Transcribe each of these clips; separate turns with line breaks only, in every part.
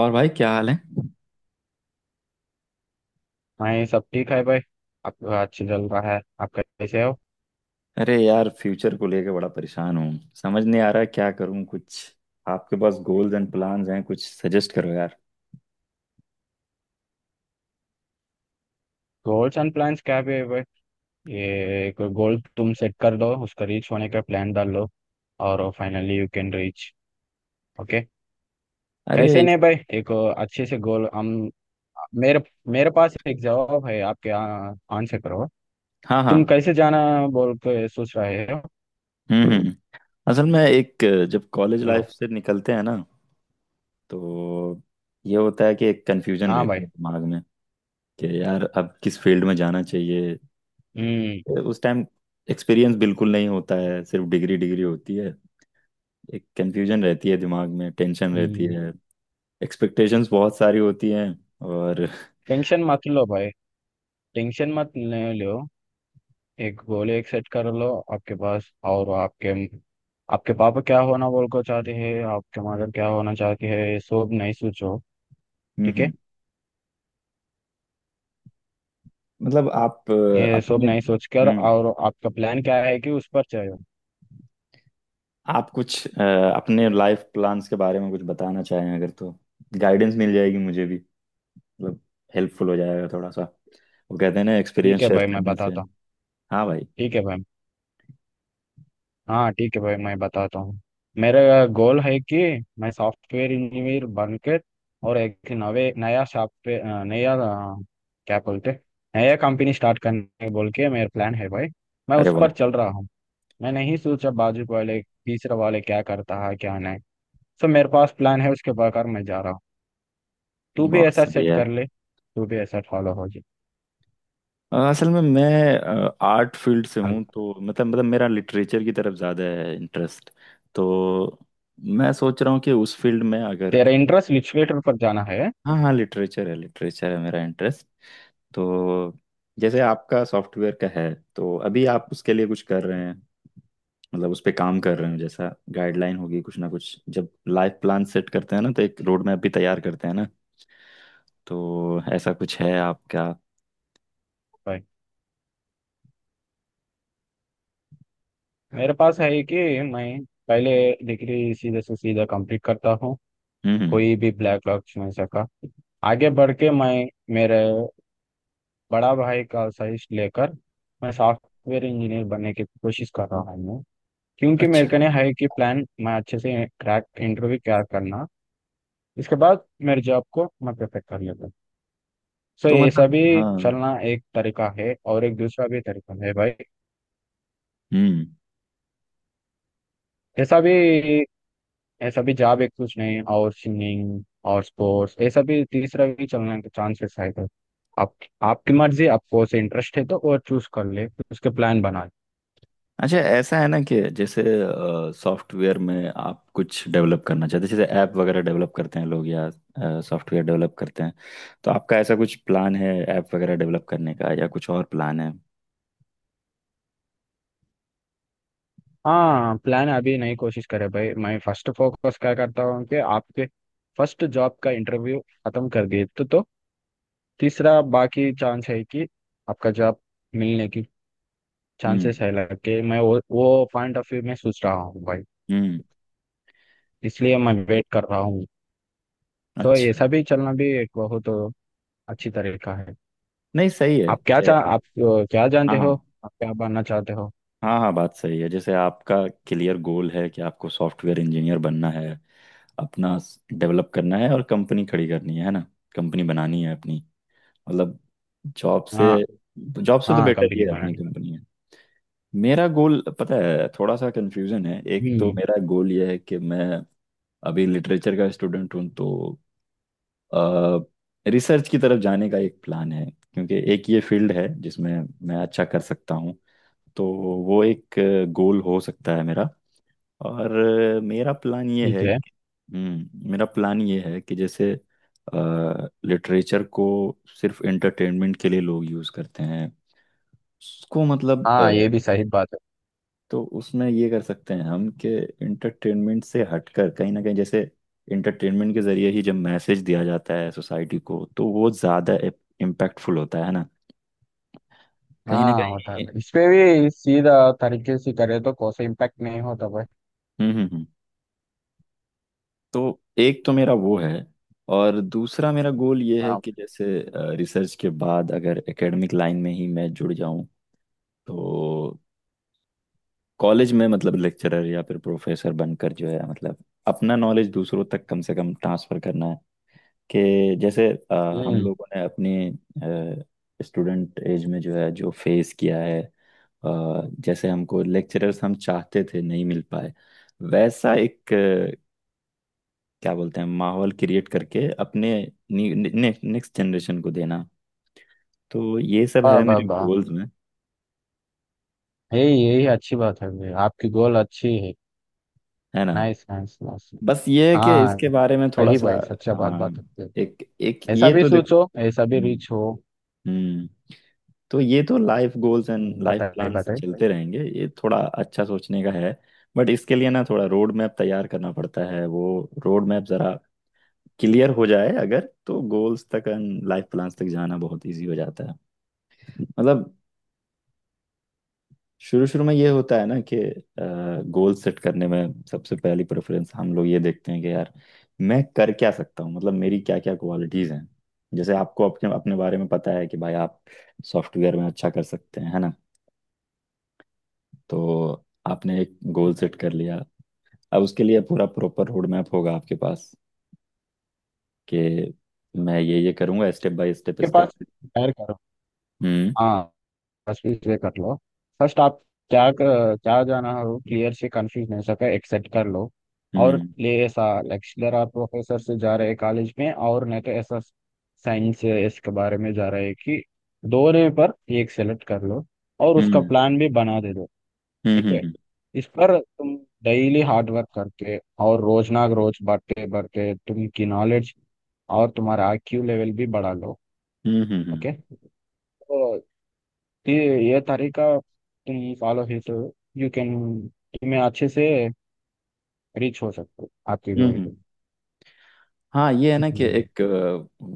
और भाई, क्या हाल है?
हाँ ये सब ठीक है भाई। आपका अच्छी चल रहा है, आप कैसे हो।
अरे यार, फ्यूचर को लेके बड़ा परेशान हूँ। समझ नहीं आ रहा क्या करूँ कुछ। आपके पास गोल्स एंड प्लान्स हैं, कुछ सजेस्ट करो यार।
गोल्स एंड प्लान्स क्या भी है भाई। ये कोई गोल तुम सेट कर दो, उसका रीच होने का प्लान डाल लो और finally you can reach. Okay.
अरे
कैसे
इस-
नहीं भाई। एक अच्छे से गोल हम, मेरे मेरे पास एक जवाब है, आपके आंसर करो।
हाँ, हाँ।
तुम कैसे जाना बोल के सोच रहे हो।
हम्म, हम्म, असल में जब कॉलेज
लो।
लाइफ से निकलते हैं ना, तो ये होता है कि एक कन्फ्यूजन
हाँ
रहती
भाई।
है दिमाग में। कि यार अब किस फील्ड में जाना चाहिए।
हम्म
उस टाइम एक्सपीरियंस बिल्कुल नहीं होता है, सिर्फ डिग्री डिग्री होती है। एक कंफ्यूजन रहती है दिमाग में, टेंशन रहती
हम्म।
है। एक्सपेक्टेशंस बहुत सारी होती हैं। और
टेंशन मत लो भाई। टेंशन मत ले लो। एक गोली एक सेट कर लो आपके पास। और आपके आपके पापा क्या होना बोल को चाहते हैं, आपके मदर क्या होना चाहती है, ये सब नहीं सोचो।
हम्म,
ठीक है।
मतलब आप
ये सब
अपने
नहीं सोचकर
हम्म
और आपका प्लान क्या है कि उस पर चलो।
आप कुछ अपने लाइफ प्लान्स के बारे में कुछ बताना चाहें अगर तो, गाइडेंस मिल जाएगी मुझे भी। मतलब, हेल्पफुल हो जाएगा थोड़ा सा। वो कहते हैं ना, एक्सपीरियंस
ठीक है
शेयर
भाई, मैं
करने से।
बताता हूँ।
हाँ भाई।
ठीक है भाई। हाँ ठीक है भाई, मैं बताता हूँ। मेरा गोल है कि मैं सॉफ्टवेयर इंजीनियर बनकर और एक नवे नया सॉफ्टवेयर नया क्या बोलते नया कंपनी स्टार्ट करने बोल के मेरा प्लान है भाई। मैं
अरे
उस
वाह।
पर चल रहा हूँ। मैं नहीं सोचा बाजू वाले तीसरा वाले क्या करता है क्या नहीं। सो मेरे पास प्लान है, उसके बगैर मैं जा रहा हूँ। तू भी
बहुत
ऐसा
सही
सेट
है।
कर ले, तू भी ऐसा फॉलो हो जाए।
असल में मैं आर्ट फील्ड से
अब
हूँ, तो मतलब मेरा लिटरेचर की तरफ ज़्यादा है इंटरेस्ट। तो मैं सोच रहा हूँ कि उस फील्ड में अगर।
तेरा इंटरेस्ट लिटरेचर पर जाना है।
हाँ, हाँ, लिटरेचर है, लिटरेचर है मेरा इंटरेस्ट। तो जैसे आपका सॉफ्टवेयर का है, तो अभी आप उसके लिए कुछ कर रहे हैं। मतलब उस पे काम कर रहे हैं, जैसा गाइडलाइन होगी, कुछ ना कुछ जब लाइफ प्लान सेट करते हैं ना, तो एक रोड मैप भी तैयार करते हैं ना। तो ऐसा कुछ है आपका।
भाई मेरे पास है कि मैं पहले डिग्री सीधे से सीधा कंप्लीट करता हूँ।
हम्म।
कोई भी ब्लैक लॉक्स में सका आगे बढ़ के, मैं मेरे बड़ा भाई का सजेस्ट लेकर मैं सॉफ्टवेयर इंजीनियर बनने की कोशिश कर रहा हूँ। क्योंकि मेरे
अच्छा।
को नहीं है कि प्लान, मैं अच्छे से क्रैक इंटरव्यू क्रैक करना। इसके बाद मेरे जॉब को मैं परफेक्ट कर लेता हूँ। सो
तो
ऐसा
मतलब,
भी
हाँ।
चलना एक तरीका है और एक दूसरा भी तरीका है भाई।
हम्म।
ऐसा भी, ऐसा भी जॉब एक कुछ नहीं और सिंगिंग और स्पोर्ट्स, ऐसा भी तीसरा भी चलने के चांसेस है। तो आप, आपकी मर्जी, आपको उसे इंटरेस्ट है तो वो चूज कर ले, उसके प्लान बना ले।
अच्छा, ऐसा है ना कि जैसे सॉफ्टवेयर में आप कुछ डेवलप करना चाहते हैं, जैसे ऐप वगैरह डेवलप करते हैं लोग, या सॉफ्टवेयर डेवलप करते हैं। तो आपका ऐसा कुछ प्लान है, ऐप वगैरह डेवलप करने का, या कुछ और प्लान है।
हाँ प्लान अभी नहीं, कोशिश करे भाई। मैं फर्स्ट फोकस क्या करता हूँ कि आपके फर्स्ट जॉब का इंटरव्यू खत्म कर दिए तो, तीसरा बाकी चांस है कि आपका जॉब मिलने की
हम्म,
चांसेस है लगे। मैं वो पॉइंट ऑफ व्यू में सोच रहा हूँ भाई।
हम्म।
इसलिए मैं वेट कर रहा हूँ। तो
अच्छा।
ऐसा भी चलना भी एक बहुत अच्छी तरीका है।
नहीं,
आप क्या चाह, आप क्या जानते हो,
हाँ,
आप क्या बनना चाहते हो।
हाँ, हाँ, बात सही है। जैसे आपका क्लियर गोल है कि आपको सॉफ्टवेयर इंजीनियर बनना है। अपना डेवलप करना है और कंपनी खड़ी करनी है ना। कंपनी बनानी है अपनी। मतलब जॉब से
हाँ
जॉब से तो
हाँ,
बेटर ये
कंपनी
है, अपनी
बनानी।
कंपनी है। मेरा गोल पता है, थोड़ा सा कंफ्यूजन है। एक तो
हम्म,
मेरा गोल ये है कि मैं अभी लिटरेचर का स्टूडेंट हूँ, तो रिसर्च की तरफ जाने का एक प्लान है। क्योंकि एक ये फील्ड है जिसमें मैं अच्छा कर सकता हूँ, तो वो एक गोल हो सकता है मेरा। और अ, मेरा प्लान ये
ठीक
है
है।
कि- मेरा प्लान ये है कि जैसे लिटरेचर को सिर्फ एंटरटेनमेंट के लिए लोग यूज़ करते हैं। उसको मतलब
हाँ ये भी सही बात है।
तो उसमें ये कर सकते हैं हम कि इंटरटेनमेंट से हटकर कहीं ना कहीं, जैसे इंटरटेनमेंट के जरिए ही जब मैसेज दिया जाता है सोसाइटी को, तो वो ज़्यादा इम्पैक्टफुल होता है ना, कहीं ना
हाँ होता
कहीं।
है, इस पे भी सीधा तरीके से करे तो कोई सा इम्पैक्ट नहीं होता भाई।
हम्म, हम्म, हम्म। तो एक तो मेरा वो है। और दूसरा मेरा गोल ये है
हाँ।
कि जैसे रिसर्च के बाद अगर एकेडमिक लाइन में ही मैं जुड़ जाऊं, तो कॉलेज में, मतलब लेक्चरर या फिर प्रोफेसर बनकर जो है, मतलब अपना नॉलेज दूसरों तक कम से कम ट्रांसफर करना है। कि जैसे हम
हम्म।
लोगों ने अपनी स्टूडेंट एज में जो है, जो फेस किया है। जैसे हमको लेक्चरर्स हम चाहते थे नहीं मिल पाए, वैसा एक क्या बोलते हैं, माहौल क्रिएट करके अपने नेक्स्ट जनरेशन को देना। तो ये सब
वाह
है
वाह
मेरे
वाह।
गोल्स में।
यही यही अच्छी बात है भाई, आपकी गोल अच्छी है।
है ना।
Nice nice nice.
बस ये है कि
हाँ
इसके बारे में थोड़ा
सही
सा।
भाई, सच्चा बात
हाँ।
बात होती है।
एक एक
ऐसा
ये
भी
तो देख।
सोचो, ऐसा भी
हम्म,
रिच हो।
हम्म। तो ये तो लाइफ गोल्स एंड लाइफ
बताइए
प्लान्स
बताइए।
चलते रहेंगे। ये थोड़ा अच्छा सोचने का है। बट इसके लिए ना, थोड़ा रोड मैप तैयार करना पड़ता है। वो रोड मैप जरा क्लियर हो जाए अगर, तो गोल्स तक एंड लाइफ प्लान्स तक जाना बहुत इजी हो जाता है। मतलब शुरू शुरू में ये होता है ना कि गोल सेट करने में सबसे पहली प्रेफरेंस हम लोग ये देखते हैं कि यार, मैं कर क्या सकता हूँ, मतलब मेरी क्या क्या क्वालिटीज़ हैं। जैसे आपको अपने अपने बारे में पता है कि भाई आप सॉफ्टवेयर में अच्छा कर सकते हैं, है ना। तो आपने एक गोल सेट कर लिया। अब उसके लिए पूरा प्रॉपर रोड मैप होगा आपके पास कि मैं ये करूंगा, स्टेप बाय स्टेप
के
स्टेप।
पास शेयर करो।
हम्म,
हाँ। बस इसे कर लो। फर्स्ट आप क्या क्या जाना हो क्लियर से, कंफ्यूज नहीं हो सके, एक्सेप्ट कर लो। और
हम्म,
ले ऐसा लेक्चरर आप प्रोफेसर से जा रहे हैं कॉलेज में, और नहीं तो ऐसा साइंस या इसके बारे में जा रहे हैं कि दोनों पर एक सेलेक्ट कर लो और उसका
हम्म,
प्लान भी बना दे दो।
हम्म,
ठीक है।
हम्म,
इस पर तुम डेली हार्ड वर्क करके और रोज ना रोज बढ़ते बढ़ते तुम की नॉलेज और तुम्हारा आईक्यू लेवल भी बढ़ा लो।
हम्म, हम्म, हम्म,
ओके। तो ये ये तरीका तुम फॉलो ही तो यू कैन, तुम्हें अच्छे से रीच हो सकते हो आपकी
हम्म,
गोल पे।
हाँ, ये है ना कि
हम्म।
एक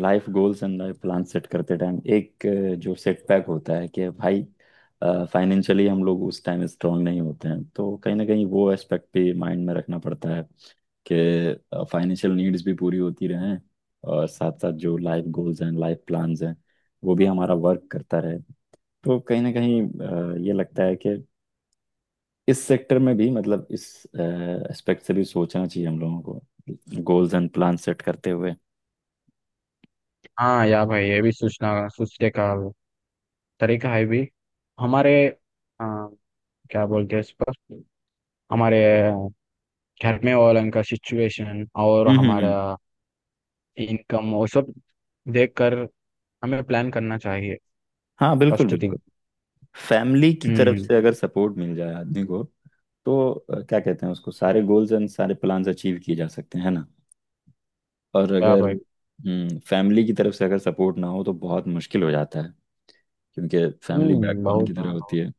life goals and life plan set करते टाइम, एक जो सेटबैक होता है कि भाई, फाइनेंशियली हम लोग उस टाइम स्ट्रांग नहीं होते हैं, तो कहीं ना कहीं वो एस्पेक्ट भी माइंड में रखना पड़ता है। कि फाइनेंशियल नीड्स भी पूरी होती रहें, और साथ साथ जो लाइफ गोल्स हैं, लाइफ प्लान्स हैं, वो भी हमारा वर्क करता रहे। तो कहीं ना कहीं ये लगता है कि इस सेक्टर में भी, मतलब इस एस्पेक्ट से भी सोचना चाहिए हम लोगों को, गोल्स एंड प्लान सेट करते हुए।
हाँ या भाई, ये भी सोचना, सोचने का तरीका है भी। हमारे आ, क्या बोलते हैं, इस पर हमारे घर में वालों का सिचुएशन और
हम्म, हम्म,
हमारा इनकम और सब देख कर हमें प्लान करना चाहिए।
हाँ, बिल्कुल,
फर्स्ट थिंग।
बिल्कुल। फैमिली की तरफ
हम्म।
से अगर सपोर्ट मिल जाए आदमी को, तो क्या कहते हैं उसको, सारे गोल्स एंड सारे प्लान्स अचीव किए जा सकते हैं, है ना। और
क्या
अगर
भाई।
फैमिली की तरफ से अगर सपोर्ट ना हो, तो बहुत मुश्किल हो जाता है। क्योंकि फैमिली बैकबोन
बहुत,
की तरह
हाँ,
होती
बहुत।
है।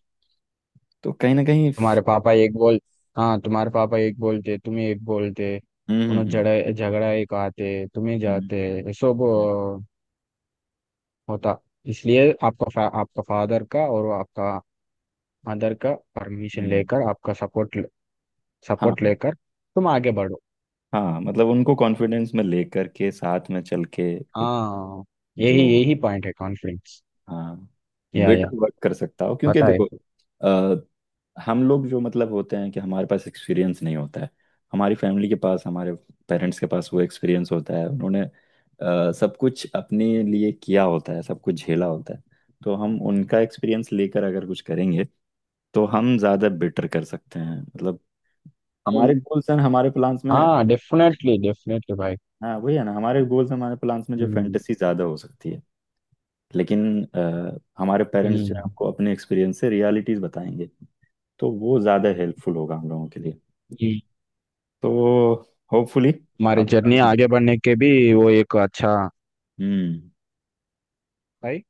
तो कहीं ना कहीं
तुम्हारे पापा एक बोल, हाँ तुम्हारे पापा एक बोलते, तुम्हें एक बोलते,
हम्म, हम्म,
उन्हें
हम्म,
झगड़ा झगड़ा एक आते, तुम्हें
हम्म,
जाते, ये सब
हम्म,
होता। इसलिए आपका आपका फादर का और आपका मदर का परमिशन
हम्म,
लेकर, आपका सपोर्ट,
हाँ,
सपोर्ट लेकर तुम आगे बढ़ो।
हाँ, मतलब उनको कॉन्फिडेंस में लेकर के, साथ में चल के एक
हाँ।
जो,
यही यही पॉइंट है, कॉन्फिडेंस
हाँ,
या
बेटर वर्क कर सकता हो, क्योंकि
पता
देखो, हम लोग जो मतलब होते हैं कि, हमारे पास एक्सपीरियंस नहीं होता है। हमारी फैमिली के पास, हमारे पेरेंट्स के पास वो एक्सपीरियंस होता है। उन्होंने सब कुछ अपने लिए किया होता है, सब कुछ झेला होता है। तो हम उनका एक्सपीरियंस लेकर अगर कुछ करेंगे, तो हम ज़्यादा बेटर कर सकते हैं, मतलब
है।
हमारे गोल्स एंड हमारे प्लान्स में।
हाँ डेफिनेटली डेफिनेटली भाई।
हाँ, वही है ना, हमारे गोल्स हमारे प्लान्स में जो
हम्म
फैंटेसी ज़्यादा हो सकती है। लेकिन हमारे पेरेंट्स जो है
हम्म।
आपको अपने एक्सपीरियंस से रियलिटीज़ बताएंगे, तो वो ज़्यादा हेल्पफुल होगा हम लोगों के लिए।
ये
तो होपफुली
हमारे
आपका
जर्नी
भी।
आगे बढ़ने के भी, वो एक अच्छा
हम्म।
भाई,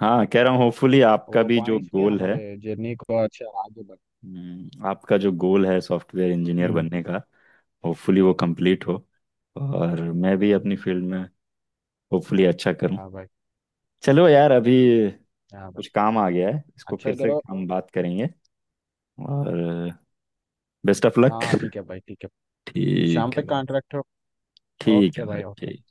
हाँ, कह रहा हूँ होपफुली आपका
वो
भी जो
पॉइंट्स भी
गोल है।
हमारे जर्नी को अच्छा आगे बढ़।
आपका जो गोल है सॉफ्टवेयर इंजीनियर
हम्म
बनने का, होपफुली वो कंप्लीट हो। और मैं भी अपनी
हम्म,
फील्ड में होपफुली अच्छा करूँ।
हाँ भाई।
चलो यार, अभी
हाँ
कुछ
भाई,
काम आ गया है, इसको
अच्छा
फिर से
करो।
हम बात करेंगे। और बेस्ट ऑफ लक।
हाँ ठीक है भाई, ठीक है। शाम
ठीक
पे
है भाई,
कॉन्ट्रैक्ट हो।
ठीक
ओके
है भाई,
भाई, ओके।
ठीक